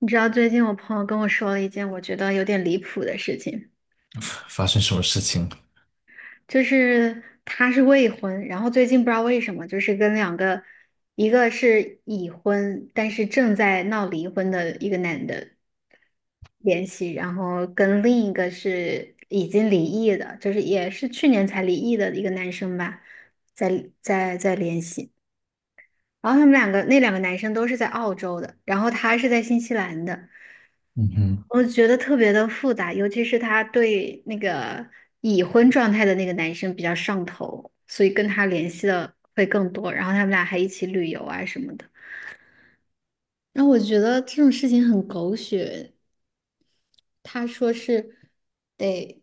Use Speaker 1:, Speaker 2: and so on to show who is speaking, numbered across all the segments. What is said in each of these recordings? Speaker 1: 你知道最近我朋友跟我说了一件我觉得有点离谱的事情，
Speaker 2: 发生什么事情？
Speaker 1: 就是他是未婚，然后最近不知道为什么，就是跟两个，一个是已婚，但是正在闹离婚的一个男的联系，然后跟另一个是已经离异的，就是也是去年才离异的一个男生吧，在联系。然后他们两个那两个男生都是在澳洲的，然后他是在新西兰的，
Speaker 2: 嗯哼。
Speaker 1: 我觉得特别的复杂，尤其是他对那个已婚状态的那个男生比较上头，所以跟他联系的会更多，然后他们俩还一起旅游啊什么的。然后我觉得这种事情很狗血，他说是得，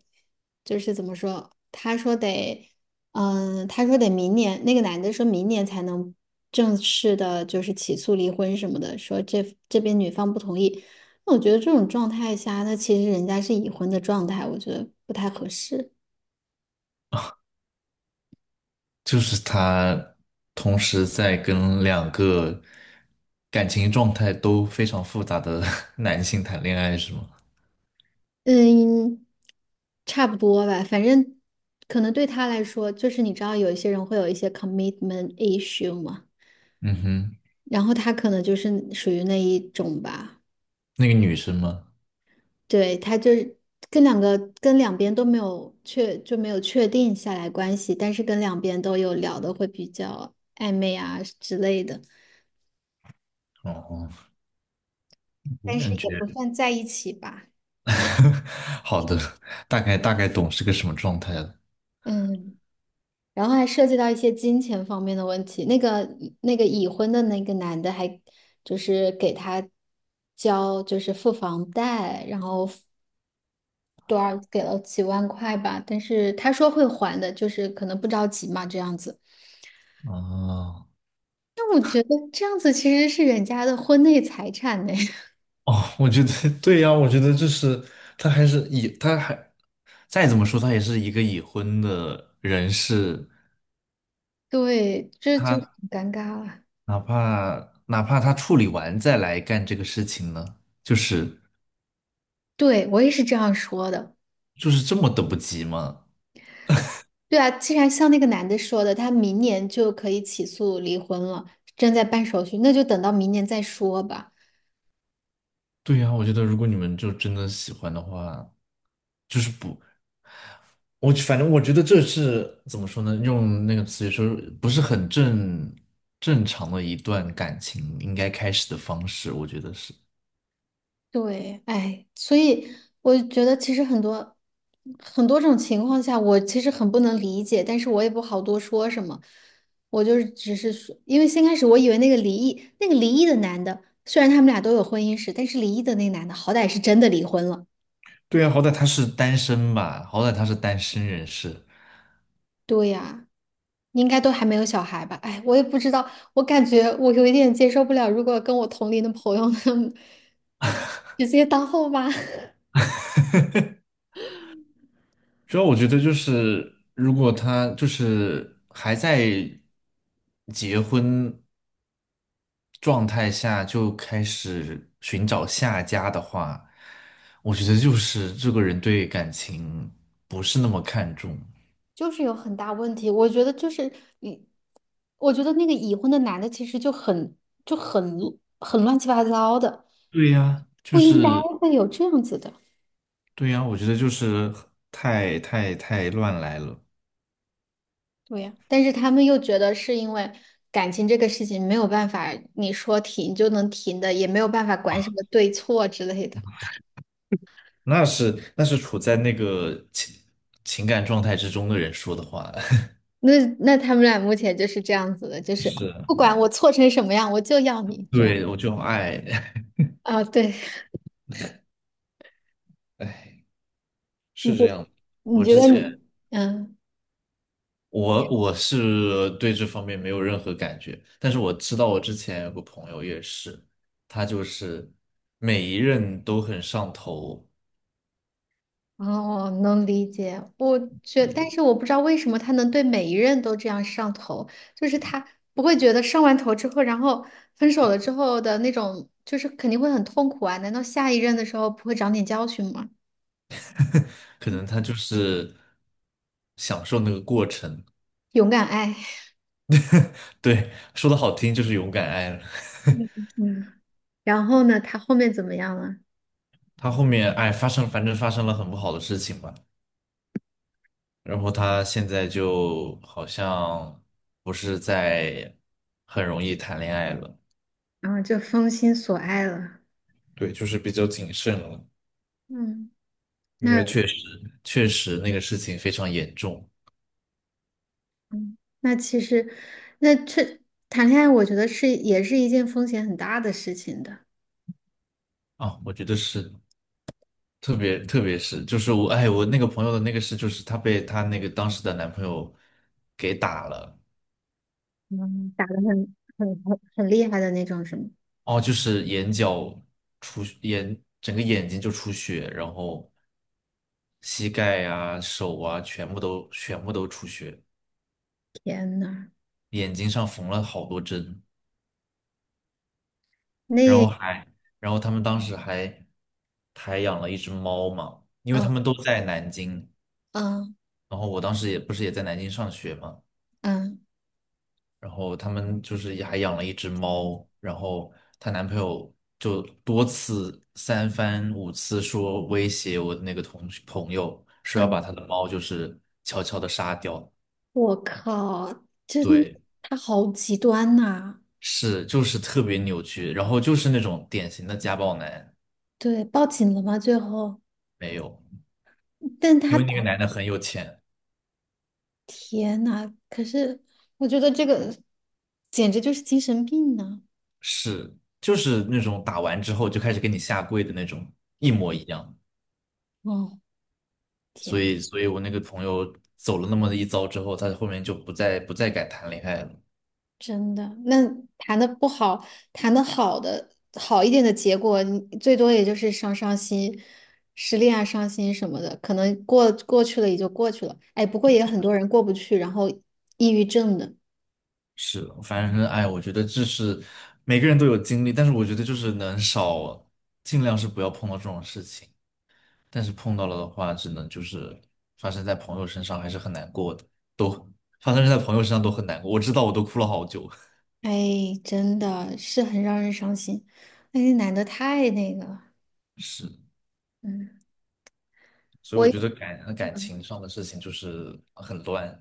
Speaker 1: 就是怎么说？他说得，他说得明年，那个男的说明年才能正式的，就是起诉离婚什么的，说这边女方不同意。那我觉得这种状态下，那其实人家是已婚的状态，我觉得不太合适。
Speaker 2: 就是他同时在跟两个感情状态都非常复杂的 男性谈恋爱，是吗？
Speaker 1: 嗯，差不多吧，反正可能对他来说，就是你知道有一些人会有一些 commitment issue 嘛，
Speaker 2: 嗯哼。
Speaker 1: 然后他可能就是属于那一种吧。
Speaker 2: 那个女生吗？
Speaker 1: 对，他就是跟两边都没有确定下来关系，但是跟两边都有聊的会比较暧昧啊之类的，
Speaker 2: 哦，我
Speaker 1: 但是
Speaker 2: 感觉
Speaker 1: 也不算在一起吧。
Speaker 2: 好的，大概懂是个什么状态了。
Speaker 1: 嗯，然后还涉及到一些金钱方面的问题。那个已婚的那个男的还就是给他就是付房贷，然后多少给了几万块吧，但是他说会还的，就是可能不着急嘛这样子。
Speaker 2: 哦
Speaker 1: 觉得这样子其实是人家的婚内财产呢，
Speaker 2: 哦，我觉得对呀，我觉得就是他还是已，他还再怎么说，他也是一个已婚的人士，
Speaker 1: 对，这就很
Speaker 2: 他
Speaker 1: 尴尬了。
Speaker 2: 哪怕他处理完再来干这个事情呢，就是
Speaker 1: 对，我也是这样说的。
Speaker 2: 就是这么等不及吗？
Speaker 1: 对啊，既然像那个男的说的，他明年就可以起诉离婚了，正在办手续，那就等到明年再说吧。
Speaker 2: 对呀，我觉得如果你们就真的喜欢的话，就是不，我反正我觉得这是怎么说呢？用那个词语说，不是很正常的一段感情应该开始的方式，我觉得是。
Speaker 1: 对，哎，所以我觉得其实很多很多种情况下，我其实很不能理解，但是我也不好多说什么。我就是只是说，因为先开始我以为那个离异的男的，虽然他们俩都有婚姻史，但是离异的那个男的好歹是真的离婚了。
Speaker 2: 对呀，好歹他是单身吧，好歹他是单身人士。
Speaker 1: 对呀，应该都还没有小孩吧？哎，我也不知道，我感觉我有一点接受不了，如果跟我同龄的朋友他们 直接当后妈。
Speaker 2: 主要我觉得就是，如果他就是还在结婚状态下就开始寻找下家的话，我觉得就是这个人对感情不是那么看重。
Speaker 1: 就是有很大问题。我觉得就是你，我觉得那个已婚的男的其实就很就很很乱七八糟的，
Speaker 2: 对呀，就
Speaker 1: 不应该
Speaker 2: 是
Speaker 1: 会有这样子的。
Speaker 2: 对呀，我觉得就是太乱来了。
Speaker 1: 对呀，但是他们又觉得是因为感情这个事情没有办法，你说停就能停的，也没有办法管什么对错之类的。
Speaker 2: 那是处在那个情感状态之中的人说的话，
Speaker 1: 那他们俩目前就是这样子的，就 是
Speaker 2: 是，
Speaker 1: 不管我错成什么样，我就要你这样
Speaker 2: 对，我就爱，
Speaker 1: 啊。对，
Speaker 2: 哎。
Speaker 1: 你
Speaker 2: 是
Speaker 1: 觉
Speaker 2: 这样的，
Speaker 1: 你
Speaker 2: 我
Speaker 1: 觉
Speaker 2: 之
Speaker 1: 得你
Speaker 2: 前
Speaker 1: 嗯？
Speaker 2: 我是对这方面没有任何感觉，但是我知道我之前有个朋友也是，他就是每一任都很上头，
Speaker 1: 哦，能理解。但是我不知道为什么他能对每一任都这样上头，就是他不会觉得上完头之后，然后分手了之后的那种，就是肯定会很痛苦啊。难道下一任的时候不会长点教训吗？
Speaker 2: 可能他就是享受那个过程。
Speaker 1: 勇敢爱，
Speaker 2: 对，说的好听就是勇敢爱了。
Speaker 1: 嗯嗯。然后呢，他后面怎么样了？
Speaker 2: 他后面哎发生，反正发生了很不好的事情吧，然后他现在就好像不是在很容易谈恋爱了。
Speaker 1: 然后就封心所爱了。
Speaker 2: 对，就是比较谨慎了。
Speaker 1: 嗯，
Speaker 2: 因
Speaker 1: 那
Speaker 2: 为确实那个事情非常严重
Speaker 1: 其实，那这谈恋爱，我觉得也是一件风险很大的事情的。
Speaker 2: 啊。我觉得是，特别是就是我哎我那个朋友的那个事，就是她被她那个当时的男朋友给打了。
Speaker 1: 嗯，打得很厉害的那种，什么？
Speaker 2: 哦，就是眼角出眼整个眼睛就出血，然后膝盖啊、手啊全部都出血，
Speaker 1: 天呐，
Speaker 2: 眼睛上缝了好多针，然
Speaker 1: 那，
Speaker 2: 后还然后他们当时还还养了一只猫嘛，因为他
Speaker 1: 嗯
Speaker 2: 们都在南京。
Speaker 1: 嗯
Speaker 2: 然后我当时也不是也在南京上学嘛，
Speaker 1: 嗯
Speaker 2: 然后他们就是也还养了一只猫，然后她男朋友就多次三番五次说威胁我的那个同学朋友，说要
Speaker 1: 嗯，
Speaker 2: 把他的猫就是悄悄的杀掉。
Speaker 1: 我靠，真，
Speaker 2: 对，
Speaker 1: 他好极端呐、
Speaker 2: 是就是特别扭曲，然后就是那种典型的家暴男。
Speaker 1: 对，报警了吗？最后，
Speaker 2: 没有，
Speaker 1: 但他
Speaker 2: 因为那个
Speaker 1: 打，
Speaker 2: 男的很有钱，
Speaker 1: 天呐，可是我觉得这个简直就是精神病呢、
Speaker 2: 是就是那种打完之后就开始给你下跪的那种，一模一样。
Speaker 1: 哦，
Speaker 2: 所
Speaker 1: 天。
Speaker 2: 以，所以我那个朋友走了那么一遭之后，他后面就不再敢谈恋爱了。
Speaker 1: 真的，那谈的不好，谈的好的好一点的结果，你最多也就是伤伤心，失恋啊、伤心什么的，可能过过去了也就过去了。哎，不过也有很多人过不去，然后抑郁症的，
Speaker 2: 是的，反正哎，我觉得这是每个人都有经历，但是我觉得就是能少，尽量是不要碰到这种事情。但是碰到了的话，只能就是发生在朋友身上，还是很难过的，都发生在朋友身上都很难过。我知道，我都哭了好久。
Speaker 1: 哎，真的是很让人伤心。哎那个男的太那个了，
Speaker 2: 是，
Speaker 1: 嗯，
Speaker 2: 所以我觉
Speaker 1: 我
Speaker 2: 得感情上的事情就是很乱。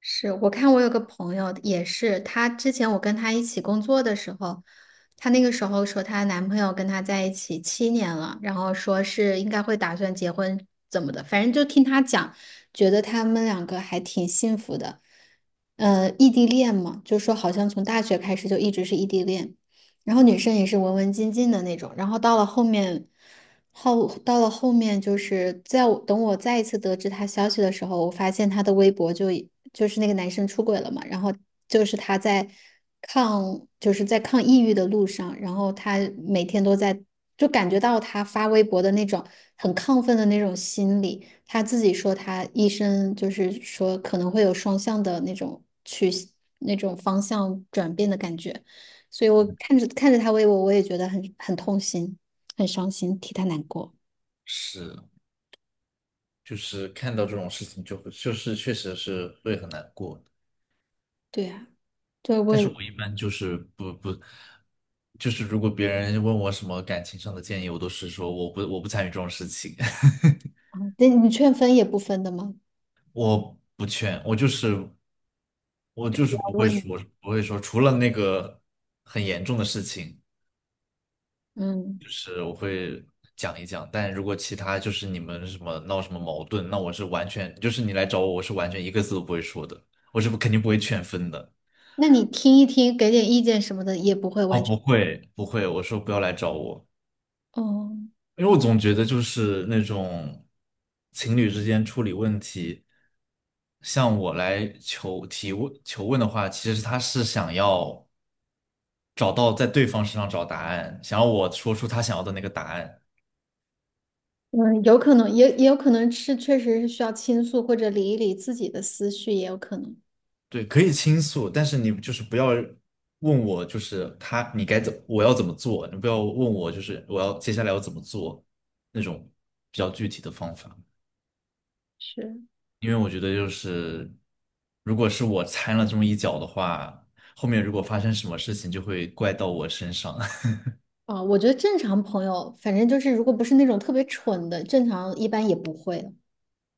Speaker 1: 是我看我有个朋友也是，她之前我跟她一起工作的时候，她那个时候说她男朋友跟她在一起7年了，然后说是应该会打算结婚怎么的，反正就听她讲，觉得他们两个还挺幸福的。异地恋嘛，就说好像从大学开始就一直是异地恋。然后女生也是文文静静的那种，然后到了后面，到了后面就是在我等我再一次得知他消息的时候，我发现他的微博就是那个男生出轨了嘛，然后就是他在就是在抗抑郁的路上，然后他每天都在就感觉到他发微博的那种很亢奋的那种心理，他自己说他医生就是说可能会有双向的那种那种方向转变的感觉。所以我看着看着他为我，我也觉得很痛心，很伤心，替他难过。
Speaker 2: 是，就是看到这种事情就会就是确实是会很难过。
Speaker 1: 对啊，对，我
Speaker 2: 但是
Speaker 1: 也，
Speaker 2: 我一般就是不，就是如果别人问我什么感情上的建议，我都是说我不参与这种事情。
Speaker 1: 嗯那你劝分也不分的吗？
Speaker 2: 不劝，我就是不
Speaker 1: 我
Speaker 2: 会
Speaker 1: 问你，
Speaker 2: 说不会说，除了那个很严重的事情
Speaker 1: 嗯，
Speaker 2: 讲一讲，但如果其他就是你们什么闹什么矛盾，那我是完全就是你来找我，我是完全一个字都不会说的，我是不肯定不会劝分的。
Speaker 1: 那你听一听，给点意见什么的，也不会
Speaker 2: 哦，
Speaker 1: 完全。
Speaker 2: 不会不会，我说不要来找我。
Speaker 1: 哦，
Speaker 2: 因为我总觉得就是那种情侣之间处理问题，向我来求提问求问的话，其实他是想要找到在对方身上找答案，想要我说出他想要的那个答案。
Speaker 1: 嗯，有可能，也也有可能是确实是需要倾诉或者理一理自己的思绪，也有可能
Speaker 2: 对，可以倾诉，但是你就是不要问我，就是他你该怎我要怎么做，你不要问我就是我要接下来要怎么做那种比较具体的方法。
Speaker 1: 是。
Speaker 2: 因为我觉得就是，如果是我掺了这么一脚的话，后面如果发生什么事情，就会怪到我身上
Speaker 1: 啊。我觉得正常朋友，反正就是如果不是那种特别蠢的，正常一般也不会。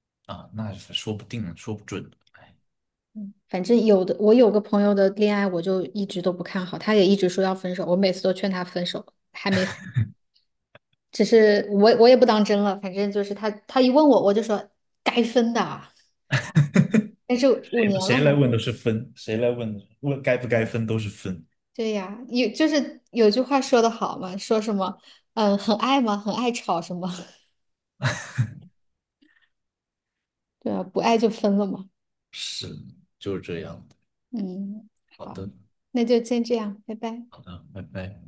Speaker 2: 啊，那是说不定，说不准。哎，
Speaker 1: 反正有的，我有个朋友的恋爱，我就一直都不看好，他也一直说要分手，我每次都劝他分手，还没，只是我也不当真了，反正就是他一问我，我就说该分的啊，但是五
Speaker 2: 谁
Speaker 1: 年了
Speaker 2: 谁
Speaker 1: 还
Speaker 2: 来问都是分，谁来问问该不该分都是分。
Speaker 1: 对呀，有就是有句话说的好嘛，说什么嗯很爱吗？很爱吵什么？对啊，不爱就分了嘛。
Speaker 2: 是，就是这样的。
Speaker 1: 嗯，
Speaker 2: 好
Speaker 1: 好，
Speaker 2: 的，
Speaker 1: 那就先这样，拜拜。
Speaker 2: 好的，拜拜。